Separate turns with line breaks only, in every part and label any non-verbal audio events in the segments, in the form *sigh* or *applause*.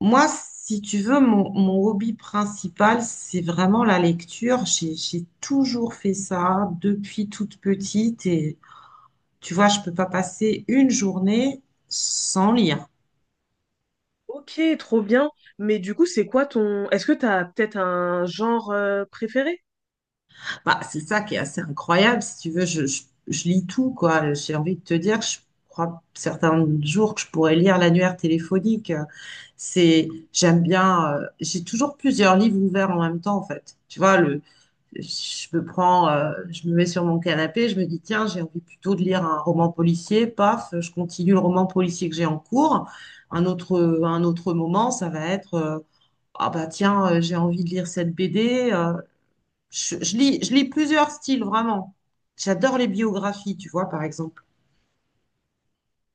Moi, si tu veux, mon hobby principal, c'est vraiment la lecture. J'ai toujours fait ça depuis toute petite. Et tu vois, je peux pas passer une journée sans lire.
Ok, trop bien. Mais du coup, est-ce que t'as peut-être un genre préféré?
Bah, c'est ça qui est assez incroyable. Si tu veux, je lis tout, quoi. J'ai envie de te dire, je crois certains jours que je pourrais lire l'annuaire téléphonique. C'est, j'aime bien, j'ai toujours plusieurs livres ouverts en même temps, en fait. Tu vois, je me prends, je me mets sur mon canapé, je me dis, tiens, j'ai envie plutôt de lire un roman policier, paf, je continue le roman policier que j'ai en cours. Un autre moment, ça va être, ah bah tiens, j'ai envie de lire cette BD. Je lis plusieurs styles, vraiment. J'adore les biographies, tu vois, par exemple.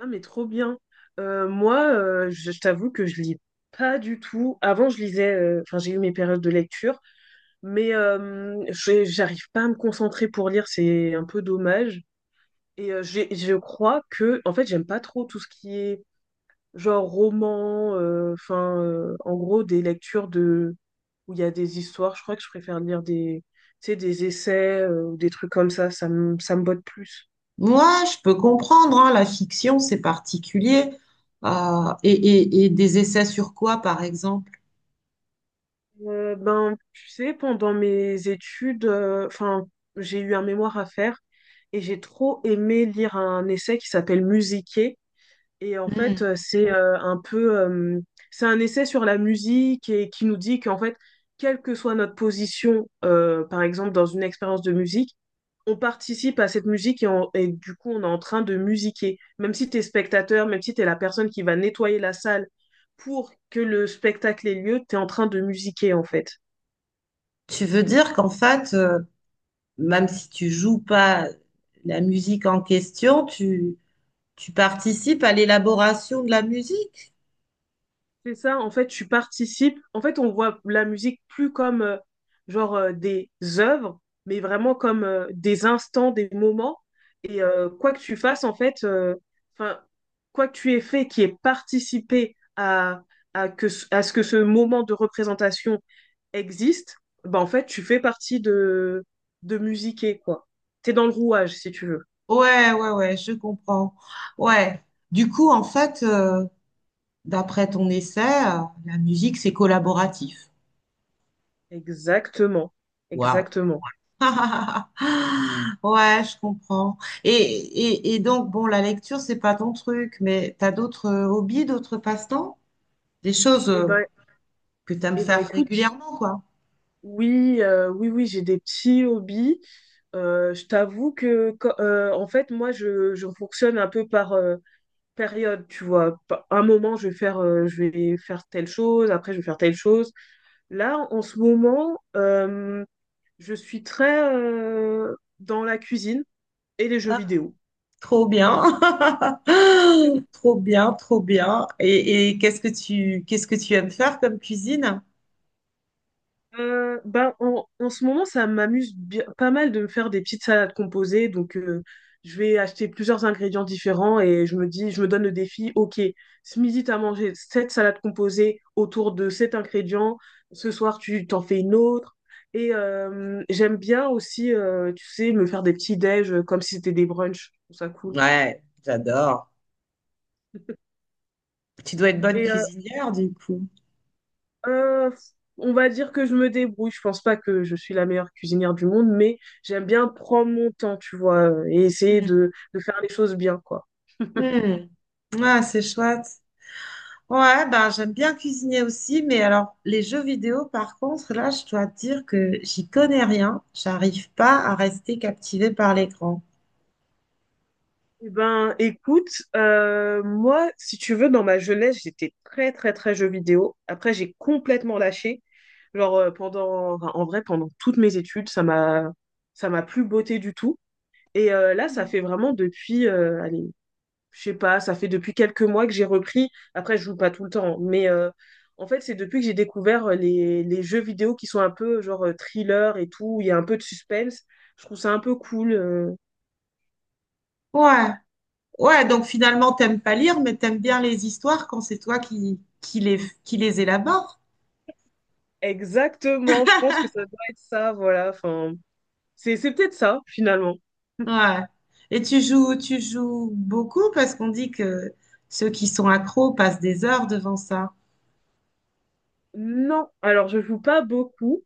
Ah, mais trop bien. Moi, je t'avoue que je lis pas du tout. Avant, je lisais. Enfin, j'ai eu mes périodes de lecture, mais j'arrive pas à me concentrer pour lire. C'est un peu dommage. Et je crois que en fait, j'aime pas trop tout ce qui est genre roman, en gros, des lectures de où il y a des histoires. Je crois que je préfère lire des, tu sais, des essais ou des trucs comme ça. Ça me botte plus.
Moi, je peux comprendre, hein, la fiction, c'est particulier. Et des essais sur quoi, par exemple?
Ben, tu sais, pendant mes études, enfin, j'ai eu un mémoire à faire et j'ai trop aimé lire un essai qui s'appelle Musiquer. Et en fait,
Hmm.
c'est un peu, c'est un essai sur la musique et qui nous dit qu'en fait, quelle que soit notre position, par exemple dans une expérience de musique, on participe à cette musique et, et du coup, on est en train de musiquer. Même si tu es spectateur, même si tu es la personne qui va nettoyer la salle pour que le spectacle ait lieu, tu es en train de musiquer en fait.
Tu veux dire qu'en fait, même si tu joues pas la musique en question, tu participes à l'élaboration de la musique.
C'est ça, en fait, tu participes. En fait, on voit la musique plus comme genre des œuvres, mais vraiment comme des instants, des moments. Et quoi que tu fasses, en fait, enfin, quoi que tu aies fait qui ait participé à, à ce que ce moment de représentation existe, bah, en fait, tu fais partie de musiquer, quoi. T'es dans le rouage, si tu veux.
Ouais, ouais, ouais, je comprends. Ouais. Du coup, en fait, d'après ton essai, la musique, c'est collaboratif.
Exactement.
Waouh. *laughs*
Exactement.
Ouais, je comprends. Et donc, bon, la lecture, c'est pas ton truc, mais t'as d'autres hobbies, d'autres passe-temps? Des choses
Et ben,
que t'aimes
et ben,
faire
écoute.
régulièrement, quoi.
Oui, oui, oui, j'ai des petits hobbies. Je t'avoue que, en fait, moi, je fonctionne un peu par période, tu vois. Un moment, je vais faire telle chose, après, je vais faire telle chose. Là, en ce moment, je suis très dans la cuisine et les jeux vidéo.
Trop bien. *laughs* Trop bien, trop bien. Et qu'est-ce que tu aimes faire comme cuisine?
Ben, en ce moment, pas mal de me faire des petites salades composées. Donc, je vais acheter plusieurs ingrédients différents et je me donne le défi, ok, ce midi, tu as mangé cette salade composée autour de cet ingrédient. Ce soir, tu t'en fais une autre. Et j'aime bien aussi, tu sais, me faire des petits déj comme si c'était des brunchs. Je trouve ça cool.
Ouais, j'adore. Tu dois être bonne
Et euh,
cuisinière du coup.
Euh, on va dire que je me débrouille. Je pense pas que je suis la meilleure cuisinière du monde, mais j'aime bien prendre mon temps, tu vois, et essayer
Hmm.
de faire les choses bien, quoi. *laughs*
Hmm. Ah, c'est chouette. Ouais, ben j'aime bien cuisiner aussi, mais alors les jeux vidéo, par contre, là, je dois te dire que j'y connais rien. J'arrive pas à rester captivée par l'écran.
Eh ben, écoute, moi, si tu veux, dans ma jeunesse, j'étais très, très, très jeux vidéo. Après, j'ai complètement lâché. Genre, en vrai, pendant toutes mes études, ça m'a plus botté du tout. Et là, ça fait vraiment depuis, allez, je sais pas, ça fait depuis quelques mois que j'ai repris. Après, je joue pas tout le temps, mais en fait, c'est depuis que j'ai découvert les jeux vidéo qui sont un peu genre thriller et tout, où il y a un peu de suspense. Je trouve ça un peu cool.
Ouais, ouais, donc finalement, t'aimes pas lire, mais t'aimes bien les histoires quand c'est toi qui les élabores.
Exactement, je pense que ça doit être ça, voilà. Enfin, c'est peut-être ça, finalement. *laughs*
Ouais. Et tu joues beaucoup parce qu'on dit que ceux qui sont accros passent des heures devant ça.
Non, alors je joue pas beaucoup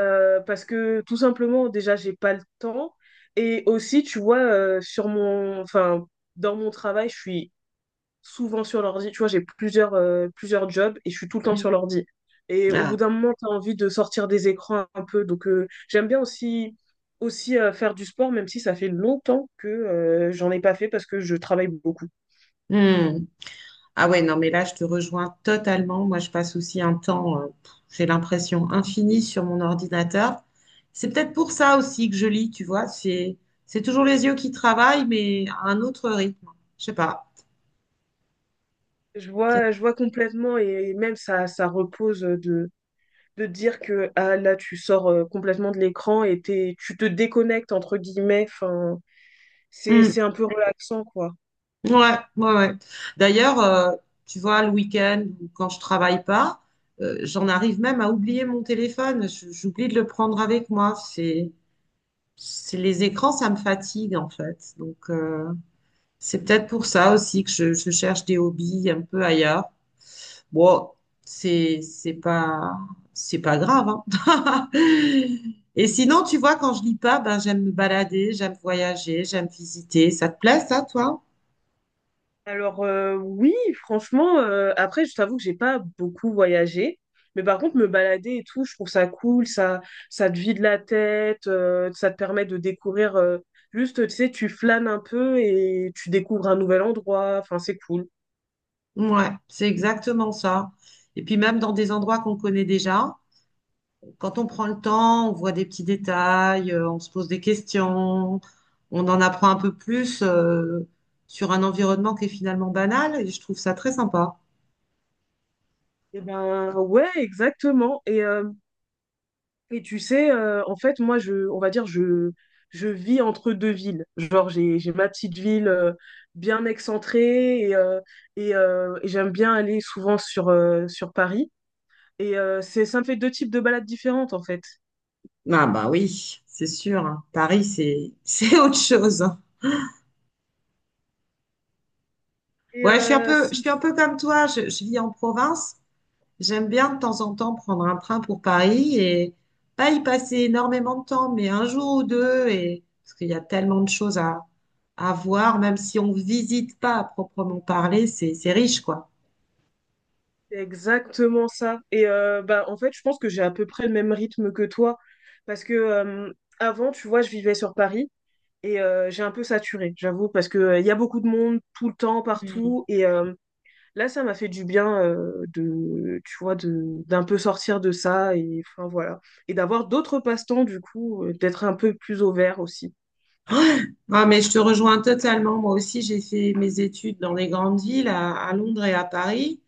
parce que tout simplement déjà j'ai pas le temps et aussi tu vois sur mon enfin dans mon travail je suis souvent sur l'ordi. Tu vois, j'ai plusieurs, plusieurs jobs et je suis tout le temps
Mm.
sur l'ordi. Et au bout
Ah.
d'un moment, tu as envie de sortir des écrans un peu. Donc, j'aime bien aussi, faire du sport, même si ça fait longtemps que j'en ai pas fait parce que je travaille beaucoup.
Hmm. Ah ouais, non, mais là, je te rejoins totalement. Moi, je passe aussi un temps, pff, j'ai l'impression, infini sur mon ordinateur. C'est peut-être pour ça aussi que je lis, tu vois. C'est toujours les yeux qui travaillent, mais à un autre rythme. Je sais pas.
Je vois complètement et même ça, ça repose de dire que ah, là, tu sors complètement de l'écran et tu te déconnectes, entre guillemets. Enfin,
Hmm.
c'est un peu relaxant, quoi.
Ouais, ouais, ouais. D'ailleurs, tu vois, le week-end ou quand je travaille pas, j'en arrive même à oublier mon téléphone. J'oublie de le prendre avec moi. C'est les écrans, ça me fatigue en fait. Donc, c'est peut-être pour ça aussi que je cherche des hobbies un peu ailleurs. Bon, c'est, c'est pas, c'est pas grave, hein. *laughs* Et sinon, tu vois, quand je lis pas, ben j'aime me balader, j'aime voyager, j'aime visiter. Ça te plaît, ça, toi?
Alors oui, franchement, après je t'avoue que j'ai pas beaucoup voyagé, mais par contre me balader et tout, je trouve ça cool, ça te vide la tête, ça te permet de découvrir, juste tu sais, tu flânes un peu et tu découvres un nouvel endroit, enfin c'est cool.
Ouais, c'est exactement ça. Et puis même dans des endroits qu'on connaît déjà, quand on prend le temps, on voit des petits détails, on se pose des questions, on en apprend un peu plus sur un environnement qui est finalement banal et je trouve ça très sympa.
Et ben ouais, exactement. Et tu sais, en fait, moi, je, on va dire, je vis entre deux villes. Genre, j'ai ma petite ville bien excentrée, et j'aime bien aller souvent sur, sur Paris. Et ça me fait deux types de balades différentes, en fait.
Ah bah oui, c'est sûr, hein. Paris, c'est *laughs* c'est autre chose.
Et
Ouais, je
si,
suis un peu comme toi, je vis en province. J'aime bien de temps en temps prendre un train pour Paris et pas y passer énormément de temps, mais un jour ou deux, et, parce qu'il y a tellement de choses à voir, même si on visite pas à proprement parler, c'est riche, quoi.
c'est exactement ça. Et bah, en fait, je pense que j'ai à peu près le même rythme que toi. Parce que avant, tu vois, je vivais sur Paris et j'ai un peu saturé, j'avoue, parce que il y a beaucoup de monde tout le temps, partout. Là ça m'a fait du bien de, tu vois, de, d'un peu sortir de ça et enfin voilà, et d'avoir d'autres passe-temps du coup, d'être un peu plus au vert aussi.
Ah, mais je te rejoins totalement. Moi aussi, j'ai fait mes études dans les grandes villes, à Londres et à Paris.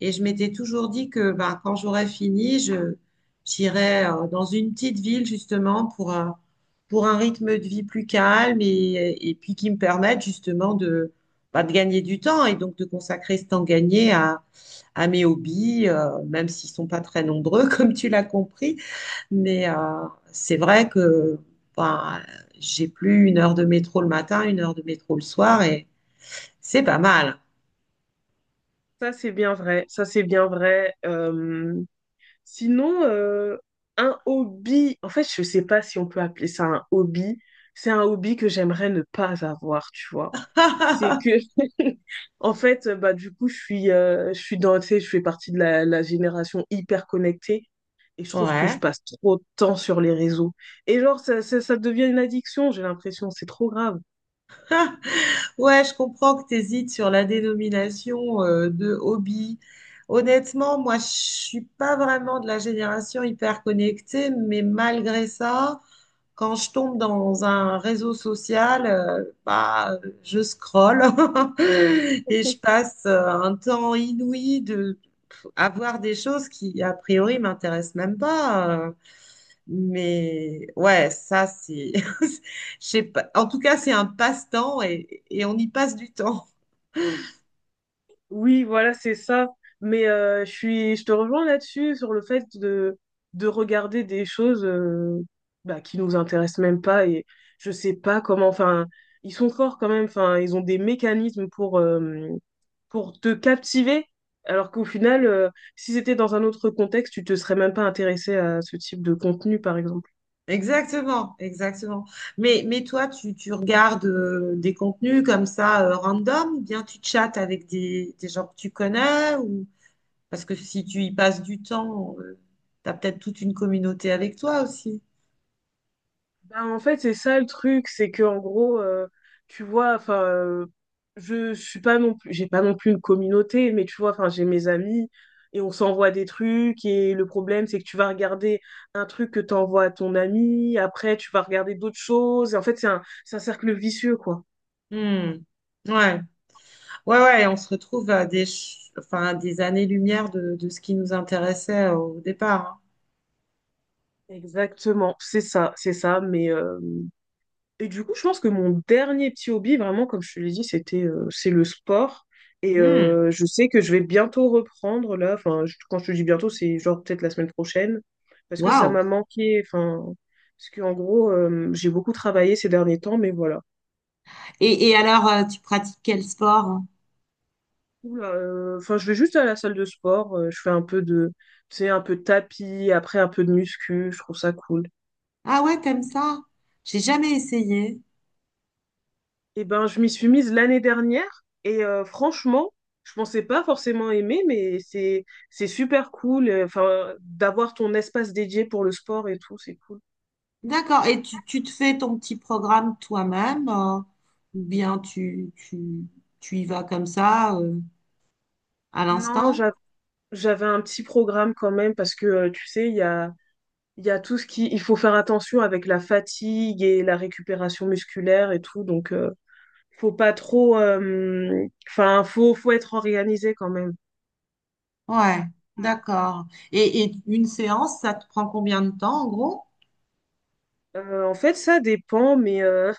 Et je m'étais toujours dit que ben, quand j'aurais fini, j'irais dans une petite ville, justement, pour un rythme de vie plus calme et puis qui me permette, justement, de, ben, de gagner du temps et donc de consacrer ce temps gagné à mes hobbies, même s'ils sont pas très nombreux, *laughs* comme tu l'as compris. Mais c'est vrai que ben, j'ai plus 1 heure de métro le matin, 1 heure de métro le soir et c'est pas mal.
Ça, c'est bien vrai. Ça, c'est bien vrai. Sinon, un hobby. En fait, je sais pas si on peut appeler ça un hobby. C'est un hobby que j'aimerais ne pas avoir, tu vois. C'est
*laughs*
que, *laughs* en fait, bah du coup, je suis dans, tu sais, je fais partie de la génération hyper connectée. Et je trouve que je
Ouais.
passe trop de temps sur les réseaux. Et genre, ça devient une addiction, j'ai l'impression, c'est trop grave.
Ouais, je comprends que tu hésites sur la dénomination de hobby. Honnêtement, moi, je suis pas vraiment de la génération hyper connectée, mais malgré ça, quand je tombe dans un réseau social, bah, je scrolle *laughs* et je passe un temps inouï de à voir des choses qui, a priori, m'intéressent même pas. Mais ouais, ça, c'est… *laughs* je sais pas. En tout cas, c'est un passe-temps et on y passe du temps.
Oui, voilà, c'est ça. Mais je suis, je te rejoins là-dessus, sur le fait de regarder des choses bah, qui nous intéressent même pas. Et je sais pas comment, enfin, ils sont forts quand même, enfin, ils ont des mécanismes pour te captiver. Alors qu'au final, si c'était dans un autre contexte, tu te serais même pas intéressé à ce type de contenu, par exemple.
Exactement, exactement. Mais toi, tu regardes des contenus comme ça, random, ou bien tu chattes avec des gens que tu connais ou… Parce que si tu y passes du temps, t'as peut-être toute une communauté avec toi aussi.
Bah, en fait, c'est ça le truc, c'est que en gros, tu vois, je suis pas non plus, j'ai pas non plus une communauté, mais tu vois, enfin, j'ai mes amis et on s'envoie des trucs et le problème, c'est que tu vas regarder un truc que t'envoies à ton ami, après tu vas regarder d'autres choses. Et en fait, c'est un cercle vicieux, quoi.
Hmm. Ouais, ouais, ouais, on se retrouve à enfin, à des années-lumière de ce qui nous intéressait au départ.
Exactement, c'est ça, mais et du coup, je pense que mon dernier petit hobby, vraiment, comme je te l'ai dit, c'est le sport. Et
Hein. Hmm.
je sais que je vais bientôt reprendre là. Enfin, quand je te dis bientôt, c'est genre peut-être la semaine prochaine. Parce que ça
Waouh.
m'a manqué. Enfin, parce qu'en gros, j'ai beaucoup travaillé ces derniers temps, mais voilà.
Et alors, tu pratiques quel sport, hein?
Enfin, je vais juste à la salle de sport. Je fais un peu de, tu sais, un peu de tapis, après un peu de muscu. Je trouve ça cool.
Ah ouais, t'aimes ça? J'ai jamais essayé.
Eh ben, je m'y suis mise l'année dernière et franchement, je pensais pas forcément aimer, mais c'est super cool. Enfin, d'avoir ton espace dédié pour le sport et tout, c'est cool.
D'accord. Et tu te fais ton petit programme toi-même, ou bien tu y vas comme ça, à
Non,
l'instant?
j'avais un petit programme quand même parce que tu sais, il y a tout ce qui il faut faire attention avec la fatigue et la récupération musculaire et tout, donc faut pas trop. Enfin, faut être organisé quand même.
Ouais, d'accord. Et une séance, ça te prend combien de temps en gros?
En fait, ça dépend, mais euh,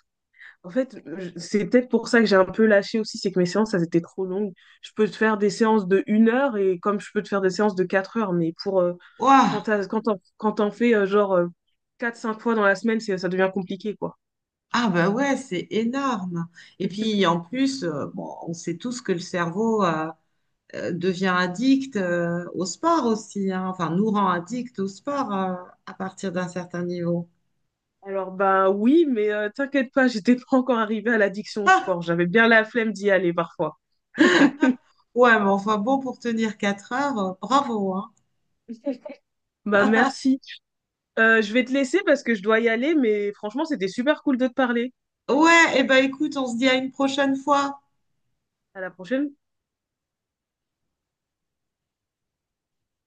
En fait, c'est peut-être pour ça que j'ai un peu lâché aussi, c'est que mes séances, elles étaient trop longues. Je peux te faire des séances de 1 heure et comme je peux te faire des séances de 4 heures, mais pour
Ouah.
quand t'en fais quatre, cinq fois dans la semaine, ça devient compliqué, quoi.
Ah bah ouais, c'est énorme. Et
*laughs*
puis en plus, bon, on sait tous que le cerveau devient addict au sport aussi, hein. Enfin, nous rend addict au sport à partir d'un certain niveau.
Alors bah oui, mais t'inquiète pas, j'étais pas encore arrivée à l'addiction au
Ah,
sport. J'avais bien la flemme d'y aller parfois. *laughs*
ouais, mais enfin bon, pour tenir 4 heures, bravo, hein.
Bah merci. Je vais te laisser parce que je dois y aller, mais franchement, c'était super cool de te parler.
Ouais, et ben écoute, on se dit à une prochaine fois.
À la prochaine.